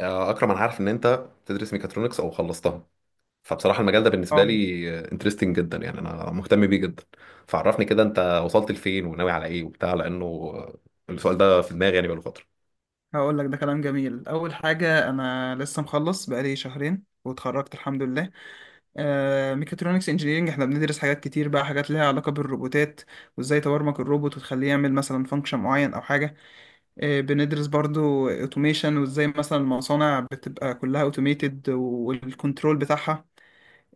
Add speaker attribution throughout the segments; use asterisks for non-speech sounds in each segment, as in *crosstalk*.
Speaker 1: اكرم، انا عارف ان انت بتدرس ميكاترونكس او خلصتها. فبصراحه المجال ده بالنسبه
Speaker 2: اه
Speaker 1: لي انترستنج جدا، يعني انا مهتم بيه جدا. فعرفني كده، انت وصلت لفين وناوي على ايه وبتاع، لانه السؤال ده في دماغي يعني بقاله فتره.
Speaker 2: هقول لك ده كلام جميل. اول حاجه، انا لسه مخلص بقالي شهرين واتخرجت الحمد لله. ميكاترونكس انجينيرنج احنا بندرس حاجات كتير بقى، حاجات ليها علاقه بالروبوتات وازاي تبرمج الروبوت وتخليه يعمل مثلا فانكشن معين او حاجه. بندرس برضو اوتوميشن وازاي مثلا المصانع بتبقى كلها اوتوميتد والكنترول بتاعها.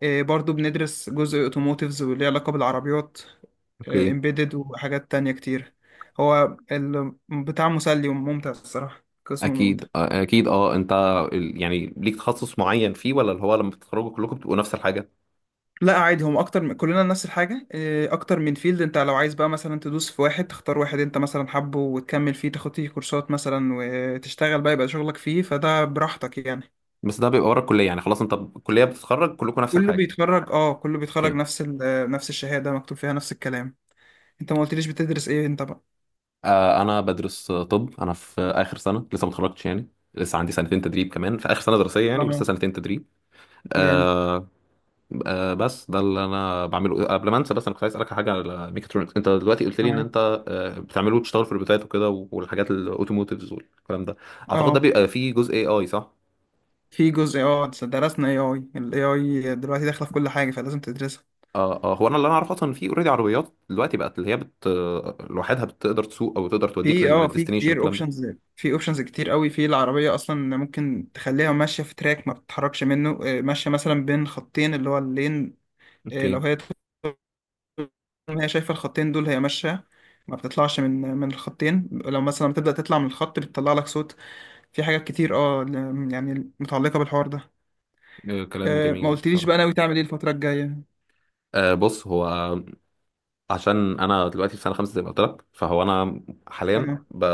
Speaker 2: إيه، برضو بندرس جزء اوتوموتيفز واللي ليه علاقة بالعربيات،
Speaker 1: اوكي.
Speaker 2: امبيدد وحاجات تانية كتير. هو بتاع مسلي وممتع الصراحة، قسم ممتع.
Speaker 1: اكيد انت يعني ليك تخصص معين فيه ولا اللي هو لما بتتخرجوا كلكم بتبقوا نفس الحاجه؟
Speaker 2: لا عادي، هم اكتر، من كلنا نفس الحاجة. إيه، اكتر من فيلد. انت لو عايز بقى مثلا تدوس في واحد، تختار واحد انت مثلا حابه وتكمل فيه، تاخد فيه كورسات مثلا وتشتغل بقى، يبقى شغلك فيه، فده براحتك يعني.
Speaker 1: بس ده بيبقى ورا الكليه، يعني خلاص انت الكليه بتتخرج كلكم نفس الحاجه.
Speaker 2: كله بيتخرج
Speaker 1: اوكي.
Speaker 2: نفس نفس الشهادة مكتوب فيها نفس الكلام. انت ما قلتليش بتدرس ايه انت بقى؟
Speaker 1: انا بدرس. طب انا في اخر سنه، لسه ما اتخرجتش يعني، لسه عندي سنتين تدريب كمان، في اخر سنه دراسيه يعني، ولسه
Speaker 2: اه،
Speaker 1: سنتين تدريب.
Speaker 2: جامد.
Speaker 1: آه. بس ده اللي انا بعمله قبل ما انسى. بس انا كنت عايز اسالك على حاجه، على ميكاترونكس. انت دلوقتي قلت لي ان
Speaker 2: معاك.
Speaker 1: انت بتعمله وتشتغل في الروبوتات وكده، والحاجات الاوتوموتيفز والكلام ده. اعتقد ده
Speaker 2: اه،
Speaker 1: بيبقى فيه جزء AI، صح؟
Speaker 2: في جزء، درسنا اي اي. الاي اي دلوقتي داخله في كل حاجه فلازم تدرسها.
Speaker 1: آه. هو انا اللي انا اعرفه اصلا، في اوريدي عربيات دلوقتي بقت، اللي هي بت آه، لوحدها بتقدر تسوق، او تقدر توديك
Speaker 2: في
Speaker 1: للديستنيشن
Speaker 2: كتير
Speaker 1: والكلام ده.
Speaker 2: اوبشنز، في اوبشنز كتير قوي في العربيه. اصلا ممكن تخليها ماشيه في تراك ما بتتحركش منه. ماشيه مثلا بين خطين، اللي هو اللين. لو
Speaker 1: اوكي.
Speaker 2: هي شايفه الخطين دول هي ماشيه، ما بتطلعش من الخطين. لو مثلا بتبدا تطلع من الخط بتطلع لك صوت. في حاجات كتير، يعني متعلقه بالحوار ده.
Speaker 1: كلام
Speaker 2: ما
Speaker 1: جميل
Speaker 2: قلتليش
Speaker 1: بصراحه.
Speaker 2: بقى ناوي تعمل ايه الفتره الجايه؟
Speaker 1: بص، هو عشان انا دلوقتي في سنه خمسه زي ما قلت لك، فهو انا حاليا
Speaker 2: اه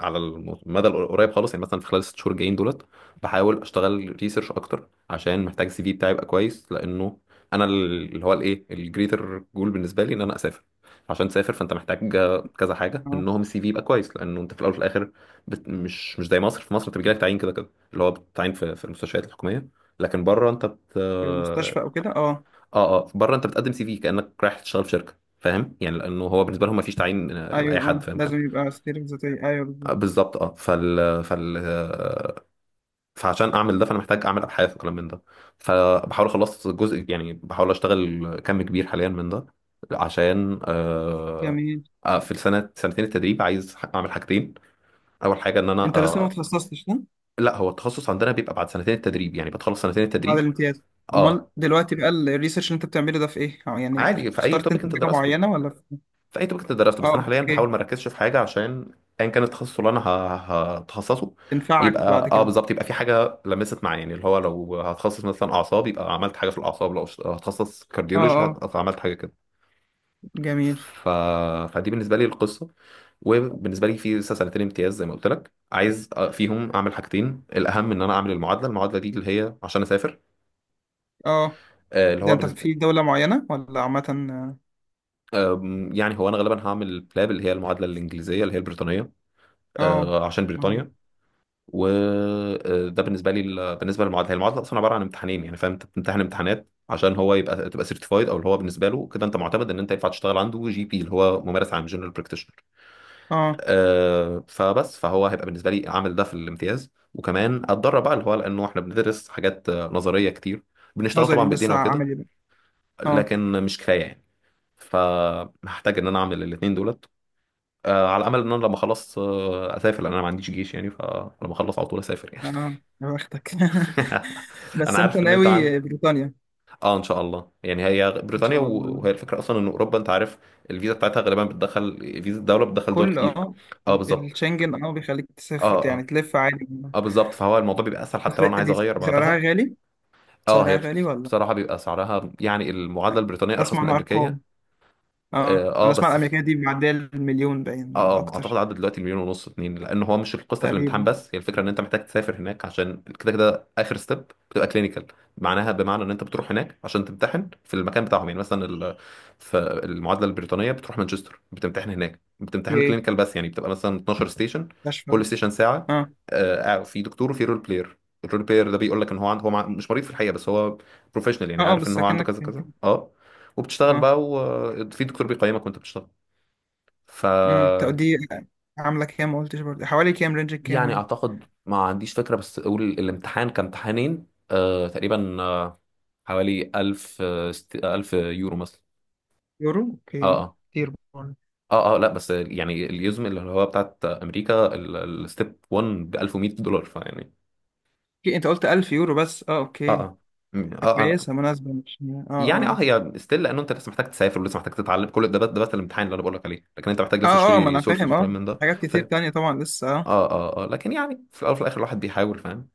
Speaker 1: على المدى القريب خالص، يعني مثلا في خلال الست شهور الجايين دولت، بحاول اشتغل ريسيرش اكتر، عشان محتاج السي في بتاعي يبقى كويس، لانه انا اللي هو الايه، الجريتر جول بالنسبه لي ان انا اسافر. عشان تسافر فانت محتاج كذا حاجه،
Speaker 2: اه،
Speaker 1: منهم السي في يبقى كويس، لانه انت في الاول وفي الاخر مش زي مصر. في مصر بتجي لك تعيين كده كده، اللي هو بتعين في المستشفيات الحكوميه، لكن بره انت
Speaker 2: في المستشفى او كده اه.
Speaker 1: اه اه، بره انت بتقدم سي في كانك رايح تشتغل في شركه، فاهم يعني؟ لانه هو بالنسبه لهم ما فيش تعيين لاي
Speaker 2: ايوه،
Speaker 1: حد،
Speaker 2: اه
Speaker 1: فاهم كده؟
Speaker 2: لازم يبقى سيرة ذاتية. ايوه بالظبط.
Speaker 1: بالظبط. اه فال فعشان اعمل ده، فانا محتاج اعمل ابحاث وكلام من ده. فبحاول اخلص جزء، يعني بحاول اشتغل كم كبير حاليا من ده، عشان
Speaker 2: جميل.
Speaker 1: في السنه سنتين التدريب عايز اعمل حاجتين. اول حاجه ان انا
Speaker 2: انت لسه ما اتخصصتش صح؟
Speaker 1: لا، هو التخصص عندنا بيبقى بعد سنتين التدريب، يعني بتخلص سنتين
Speaker 2: بعد
Speaker 1: التدريب.
Speaker 2: الامتياز. امال
Speaker 1: اه
Speaker 2: دلوقتي بقى الريسيرش اللي انت بتعمله ده في ايه؟ أو يعني
Speaker 1: عادي، في اي
Speaker 2: اخترت انت
Speaker 1: توبيك انت
Speaker 2: حاجة
Speaker 1: درسته.
Speaker 2: معينة ولا في...
Speaker 1: في اي توبيك انت درسته،
Speaker 2: اه
Speaker 1: بس انا حاليا بحاول
Speaker 2: اوكي.
Speaker 1: ما اركزش في حاجه، عشان ايا كان التخصص اللي انا هتخصصه،
Speaker 2: تنفعك
Speaker 1: يبقى
Speaker 2: بعد
Speaker 1: اه
Speaker 2: كده.
Speaker 1: بالظبط، يبقى في حاجه لمست معايا. يعني اللي هو لو هتخصص مثلا اعصاب، يبقى عملت حاجه في الاعصاب، لو هتخصص
Speaker 2: اه
Speaker 1: كارديولوجي
Speaker 2: اه.
Speaker 1: عملت حاجه كده.
Speaker 2: جميل.
Speaker 1: ف... فدي بالنسبه لي القصه. وبالنسبه لي في لسه سنتين امتياز زي ما قلت لك، عايز فيهم اعمل حاجتين. الاهم ان انا اعمل المعادله دي اللي هي عشان اسافر.
Speaker 2: اه،
Speaker 1: اللي
Speaker 2: ده
Speaker 1: هو
Speaker 2: انت
Speaker 1: بالنسبه
Speaker 2: في دولة معينة ولا عامة؟
Speaker 1: يعني هو انا غالبا هعمل بلاب، اللي هي المعادله الانجليزيه اللي هي البريطانيه.
Speaker 2: اه
Speaker 1: عشان بريطانيا. وده بالنسبه لي، بالنسبه للمعادله، هي المعادله اصلا عباره عن امتحانين. يعني فاهم، انت بتمتحن امتحانات عشان هو تبقى سيرتيفايد، او اللي هو بالنسبه له كده انت معتمد ان انت ينفع تشتغل عنده GP، اللي هو ممارس عام، جنرال براكتيشنر.
Speaker 2: اه،
Speaker 1: فبس، فهو هيبقى بالنسبه لي عامل ده في الامتياز، وكمان اتدرب بقى، اللي هو لانه احنا بندرس حاجات نظريه كتير. بنشتغل
Speaker 2: نظري
Speaker 1: طبعا بايدينا
Speaker 2: لسه،
Speaker 1: وكده،
Speaker 2: عملي بقى. اه
Speaker 1: لكن مش كفايه يعني. فهحتاج ان انا اعمل الاثنين دولت، على امل ان انا لما اخلص اسافر، لان انا ما عنديش جيش يعني، فلما اخلص على طول اسافر يعني.
Speaker 2: اه، يا بختك. *laughs*
Speaker 1: *laughs* انا
Speaker 2: بس انت
Speaker 1: عارف ان انت عن،
Speaker 2: ناوي بريطانيا؟
Speaker 1: اه، ان شاء الله يعني. هي
Speaker 2: ان
Speaker 1: بريطانيا
Speaker 2: شاء الله.
Speaker 1: وهي الفكره اصلا ان اوروبا، انت عارف الفيزا بتاعتها غالبا بتدخل، فيزا الدوله بتدخل دول
Speaker 2: كل
Speaker 1: كتير.
Speaker 2: اه،
Speaker 1: اه بالظبط.
Speaker 2: الشنجن اه بيخليك تسافر،
Speaker 1: اه
Speaker 2: يعني
Speaker 1: اه
Speaker 2: تلف عادي.
Speaker 1: اه بالظبط، فهو الموضوع بيبقى اسهل
Speaker 2: بس
Speaker 1: حتى لو انا
Speaker 2: دي
Speaker 1: عايز
Speaker 2: دي
Speaker 1: اغير
Speaker 2: سعرها
Speaker 1: بعدها.
Speaker 2: غالي،
Speaker 1: اه، هي
Speaker 2: سعرها غالي ولا؟
Speaker 1: بصراحه بيبقى سعرها، يعني المعادله
Speaker 2: لا.
Speaker 1: البريطانيه ارخص
Speaker 2: بسمع
Speaker 1: من
Speaker 2: عن
Speaker 1: الامريكيه.
Speaker 2: ارقام. اه،
Speaker 1: اه
Speaker 2: انا اسمع
Speaker 1: بس
Speaker 2: الامريكيه دي معديه المليون، باين ولا
Speaker 1: اه، اعتقد
Speaker 2: اكتر.
Speaker 1: عدى دلوقتي المليون ونص، اتنين، لان هو مش القصه في الامتحان،
Speaker 2: تقريبا.
Speaker 1: بس هي الفكره ان انت محتاج تسافر هناك، عشان كده كده اخر ستيب بتبقى كلينيكال، معناها بمعنى ان انت بتروح هناك عشان تمتحن في المكان بتاعهم. يعني مثلا في المعادله البريطانيه بتروح مانشستر، بتمتحن هناك،
Speaker 2: في
Speaker 1: بتمتحن
Speaker 2: ايه؟
Speaker 1: كلينيكال بس، يعني بتبقى مثلا 12 ستيشن،
Speaker 2: مستشفى
Speaker 1: كل
Speaker 2: بقى.
Speaker 1: ستيشن ساعه.
Speaker 2: اه
Speaker 1: في دكتور وفي رول بلاير. الرول بلاير ده بيقول لك ان هو عنده، هو مش مريض في الحقيقه، بس هو بروفيشنال، يعني
Speaker 2: اه اه،
Speaker 1: عارف ان
Speaker 2: بس
Speaker 1: هو عنده
Speaker 2: اكنك.
Speaker 1: كذا كذا. اه. وبتشتغل
Speaker 2: اه،
Speaker 1: بقى وفي دكتور بيقيمك وانت بتشتغل. ف
Speaker 2: طب دي عامله كام؟ ما قلتش برضه، حوالي كام، رينج كام
Speaker 1: يعني
Speaker 2: يعني؟
Speaker 1: اعتقد ما عنديش فكره، بس اقول الامتحان كان امتحانين تقريبا حوالي 1000 يورو مثلا.
Speaker 2: يورو. اوكي
Speaker 1: اه
Speaker 2: كتير برضه.
Speaker 1: اه اه اه، لا بس يعني اليزم اللي هو بتاعت امريكا، الستيب 1 ب $1100، فيعني
Speaker 2: اوكي، انت قلت 1000 يورو بس،
Speaker 1: اه
Speaker 2: اوكي.
Speaker 1: اه. اه اه،
Speaker 2: كويسه مناسبه، مش يعني. اه
Speaker 1: يعني
Speaker 2: اه.
Speaker 1: اه، هي ستيل، لانه انت لسه محتاج تسافر ولسه محتاج تتعلم كل ده، بس ده بس الامتحان اللي انا بقول لك عليه، لكن انت محتاج لسه
Speaker 2: اه اه، ما
Speaker 1: تشتري
Speaker 2: انا
Speaker 1: سورسز
Speaker 2: فاهم
Speaker 1: وكلام
Speaker 2: اه.
Speaker 1: من ده.
Speaker 2: حاجات كتير
Speaker 1: فاهم.
Speaker 2: تانية طبعا لسه اه.
Speaker 1: اه اه اه، لكن يعني في الاول وفي الاخر الواحد بيحاول، فاهم.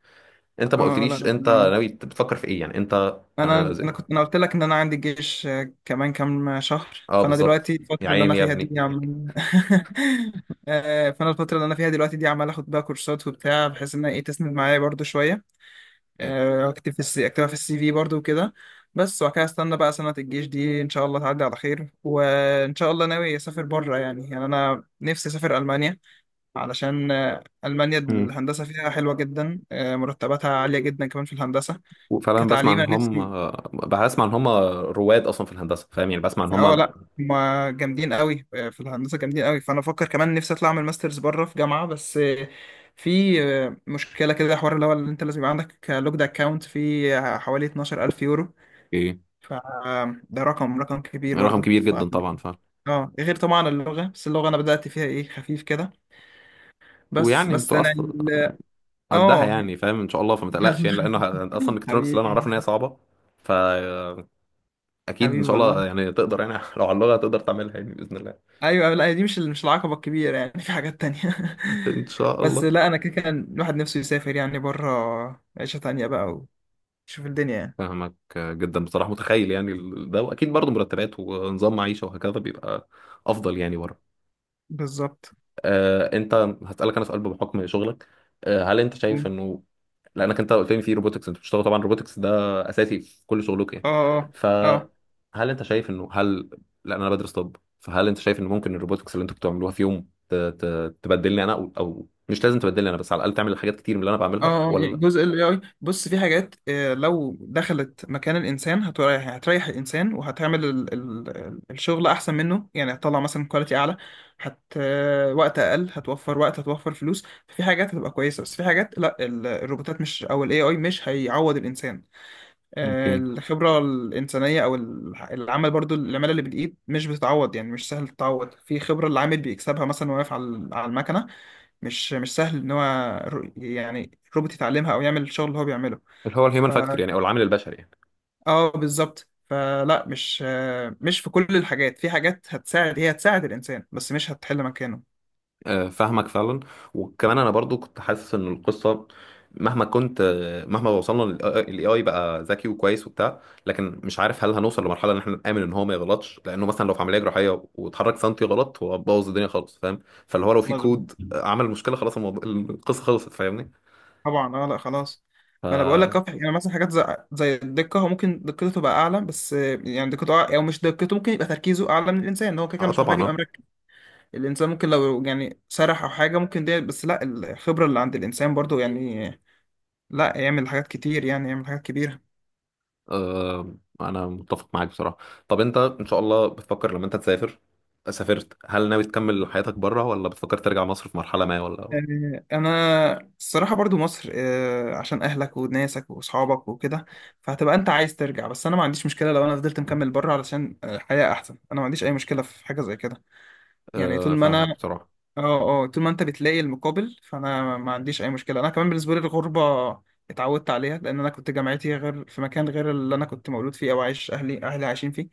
Speaker 1: انت ما
Speaker 2: اه لا،
Speaker 1: قلتليش
Speaker 2: ربنا
Speaker 1: انت
Speaker 2: معاك.
Speaker 1: ناوي، بتفكر في ايه يعني انت؟
Speaker 2: انا
Speaker 1: آه،
Speaker 2: انا كنت، انا قلت لك ان انا عندي جيش كمان كام شهر.
Speaker 1: اه
Speaker 2: فانا
Speaker 1: بالظبط.
Speaker 2: دلوقتي
Speaker 1: يا
Speaker 2: الفتره اللي انا
Speaker 1: عيني يا
Speaker 2: فيها
Speaker 1: ابني.
Speaker 2: دي، عم *laughs* فانا الفتره اللي انا فيها دلوقتي دي، عمال اخد بقى كورسات وبتاع، بحيث انها ايه تسند معايا برضو شويه.
Speaker 1: ايه.
Speaker 2: اكتب في السي، اكتبها في السي في برضو وكده. بس وبعد كده استنى بقى سنه الجيش دي، ان شاء الله تعدي على خير. وان شاء الله ناوي اسافر بره. يعني انا نفسي اسافر المانيا، علشان المانيا
Speaker 1: مم.
Speaker 2: الهندسه فيها حلوه جدا. مرتباتها عاليه جدا كمان في الهندسه،
Speaker 1: وفعلا بسمع
Speaker 2: كتعليم
Speaker 1: ان
Speaker 2: انا
Speaker 1: هم،
Speaker 2: نفسي.
Speaker 1: بسمع ان هم رواد اصلا في الهندسه، فاهم يعني، بسمع ان
Speaker 2: اه
Speaker 1: هم.
Speaker 2: لا، هما جامدين قوي في الهندسه، جامدين قوي، فانا بفكر كمان نفسي اطلع اعمل ماسترز بره في جامعه. بس في مشكله كده، حوار اللي هو، اللي انت لازم يبقى عندك لوجد اكونت فيه حوالي 12000 يورو.
Speaker 1: ايه،
Speaker 2: فده رقم كبير
Speaker 1: رقم
Speaker 2: برضه.
Speaker 1: كبير
Speaker 2: ف
Speaker 1: جدا طبعا، فاهم.
Speaker 2: اه غير طبعا اللغه، بس اللغه انا بدات فيها ايه، خفيف كده. بس
Speaker 1: ويعني
Speaker 2: بس
Speaker 1: انتوا
Speaker 2: انا
Speaker 1: اصلا قدها
Speaker 2: اه
Speaker 1: يعني، فاهم، ان شاء الله، فما
Speaker 2: *laughs*
Speaker 1: تقلقش يعني، لان اصلا الكترونكس اللي انا اعرفه ان هي
Speaker 2: حبيبي،
Speaker 1: صعبه، فاكيد ان
Speaker 2: حبيبي
Speaker 1: شاء
Speaker 2: والله.
Speaker 1: الله يعني تقدر يعني. *laughs* لو على اللغه تقدر تعملها يعني باذن الله.
Speaker 2: ايوه لا، دي مش العقبه الكبيره يعني، في حاجات تانية.
Speaker 1: ان
Speaker 2: *laughs*
Speaker 1: شاء الله.
Speaker 2: بس لا، انا كده كان الواحد نفسه يسافر يعني بره، عيشه تانية بقى، ويشوف الدنيا يعني.
Speaker 1: فاهمك جدا بصراحه، متخيل يعني، ده، واكيد برضه مرتبات ونظام معيشه وهكذا بيبقى افضل يعني بره.
Speaker 2: بالظبط.
Speaker 1: انت، هسألك انا سؤال بحكم شغلك. هل انت شايف
Speaker 2: اه
Speaker 1: انه، لانك انت قلت لي في روبوتكس، انت بتشتغل طبعا روبوتكس ده اساسي في كل شغلك يعني.
Speaker 2: اه اه
Speaker 1: فهل انت شايف انه لان انا بدرس طب، فهل انت شايف انه ممكن الروبوتكس اللي انتوا بتعملوها في يوم تبدلني انا، او او مش لازم تبدلني انا، بس على الاقل تعمل حاجات كتير من اللي انا
Speaker 2: اه،
Speaker 1: بعملها،
Speaker 2: يعني
Speaker 1: ولا؟
Speaker 2: جزء ال AI. بص في حاجات، لو دخلت مكان الانسان هتريح، هتريح الانسان وهتعمل ال الشغل احسن منه، يعني هتطلع مثلا كواليتي اعلى. هت آه، وقت اقل هتوفر، وقت هتوفر فلوس، في حاجات هتبقى كويسه. بس في حاجات لا، الروبوتات مش، او الاي اي، مش هيعوض الانسان.
Speaker 1: اوكي،
Speaker 2: الخبرة الإنسانية أو العمل برضو، العمالة اللي بالإيد مش بتتعوض. يعني مش سهل تتعوض، في خبرة العامل بيكسبها مثلا وهو واقف على المكنة. مش سهل إن هو، يعني روبوت يتعلمها أو يعمل الشغل اللي هو بيعمله.
Speaker 1: اللي هو الهيومن
Speaker 2: ف
Speaker 1: فاكتور يعني، او العامل البشري يعني.
Speaker 2: آه بالظبط. فلا، مش في كل الحاجات. في حاجات هتساعد، هي هتساعد الإنسان بس مش هتحل مكانه.
Speaker 1: فاهمك فعلا. وكمان انا برضو كنت حاسس ان القصه، مهما كنت آه، مهما وصلنا للاي اي بقى ذكي وكويس وبتاع، لكن مش عارف هل هنوصل لمرحله ان احنا نامن ان هو ما يغلطش، لانه مثلا لو في عمليه جراحيه واتحرك سنتي غلط هو بوظ الدنيا خالص، فاهم؟ فاللي هو لو في كود عمل مشكله، خلاص الموضوع القصه خلصت، فاهمني.
Speaker 2: طبعا اه، لا خلاص. ما انا بقول لك،
Speaker 1: اه،
Speaker 2: يعني مثلا حاجات زي الدقه، هو ممكن دقته تبقى اعلى، بس يعني دقته او مش دقته، ممكن يبقى تركيزه اعلى من الانسان. هو كده كده مش محتاج
Speaker 1: طبعا
Speaker 2: يبقى
Speaker 1: اه.
Speaker 2: مركز. الانسان ممكن لو يعني سرح او حاجه ممكن، دي بس، لا الخبره اللي عند الانسان برضو يعني، لا يعمل حاجات كتير يعني، يعمل حاجات كبيره.
Speaker 1: آه، انا متفق معاك بصراحه. طب انت ان شاء الله بتفكر لما انت تسافر، سافرت، هل ناوي تكمل حياتك بره، ولا بتفكر ترجع مصر في مرحله ما، ولا؟
Speaker 2: انا الصراحه برضو مصر، عشان اهلك وناسك واصحابك وكده، فهتبقى انت عايز ترجع. بس انا ما عنديش مشكله لو انا فضلت مكمل بره، علشان الحياه احسن، انا ما عنديش اي مشكله في حاجه زي كده. يعني طول ما
Speaker 1: فاهمك
Speaker 2: انا
Speaker 1: بصراحة.
Speaker 2: اه اه طول ما انت بتلاقي المقابل، فانا ما عنديش اي مشكله. انا كمان بالنسبه لي الغربه اتعودت عليها، لان انا كنت جامعتي غير في مكان غير اللي انا كنت مولود فيه او عايش اهلي عايشين فيه،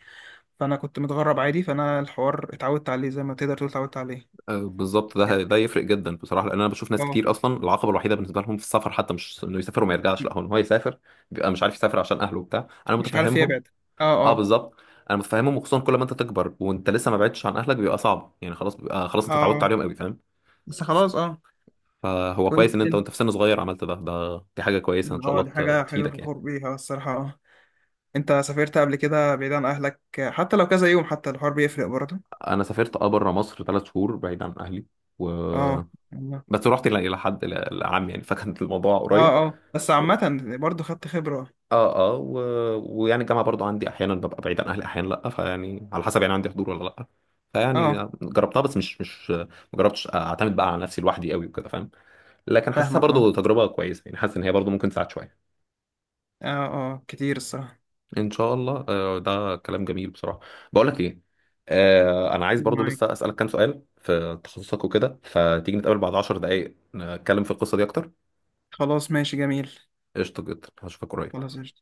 Speaker 2: فانا كنت متغرب عادي، فانا الحوار اتعودت عليه زي ما تقدر تقول، اتعودت عليه.
Speaker 1: بالظبط، ده يفرق جدا بصراحة، لأن أنا بشوف ناس
Speaker 2: اه،
Speaker 1: كتير أصلا العقبة الوحيدة بالنسبة لهم في السفر حتى مش إنه يسافر وما يرجعش، لا، هو إن هو يسافر بيبقى مش عارف يسافر عشان أهله وبتاع، أنا
Speaker 2: مش عارف
Speaker 1: متفهمهم.
Speaker 2: يبعد. اه
Speaker 1: أه
Speaker 2: اه
Speaker 1: بالظبط. أنا متفهمهم، وخصوصا كل ما أنت تكبر وأنت لسه ما بعدتش عن أهلك بيبقى صعب، يعني خلاص بيبقى خلاص أنت اتعودت
Speaker 2: اه،
Speaker 1: عليهم قوي، فاهم.
Speaker 2: بس خلاص اه.
Speaker 1: فهو كويس
Speaker 2: وانت
Speaker 1: إن أنت
Speaker 2: انت
Speaker 1: وأنت في سن صغير عملت ده ده دي حاجة كويسة، إن شاء
Speaker 2: اه
Speaker 1: الله
Speaker 2: دي حاجه
Speaker 1: تفيدك يعني.
Speaker 2: فخور بيها الصراحه اه. انت سافرت قبل كده بعيد عن اهلك، حتى لو كذا يوم، حتى الحوار بيفرق برضه.
Speaker 1: أنا سافرت بره مصر 3 شهور بعيد عن أهلي، و
Speaker 2: اه
Speaker 1: بس رحت إلى حد إلى عم يعني، فكان الموضوع
Speaker 2: اه
Speaker 1: قريب.
Speaker 2: اه، بس عامة برضو خدت خبرة.
Speaker 1: اه اه ويعني الجامعه برضو عندي احيانا ببقى بعيد عن اهلي، احيانا لا، فيعني على حسب يعني، عندي حضور ولا لا.
Speaker 2: اه
Speaker 1: فيعني جربتها، بس مش ما جربتش اعتمد بقى على نفسي لوحدي قوي وكده، فاهم. لكن حاسسها
Speaker 2: فاهمك. اه
Speaker 1: برضو تجربه كويسه يعني، حاسس ان هي برضو ممكن تساعد شويه.
Speaker 2: اه، اه كتير الصراحة.
Speaker 1: ان شاء الله. ده كلام جميل بصراحه. بقول لك ايه، انا عايز برضو
Speaker 2: معاك.
Speaker 1: لسه اسالك كام سؤال في تخصصك وكده، فتيجي نتقابل بعد 10 دقائق نتكلم في القصه دي اكتر.
Speaker 2: خلاص ماشي جميل.
Speaker 1: قشطه جدا، هشوفك قريب.
Speaker 2: خلاص قشطة.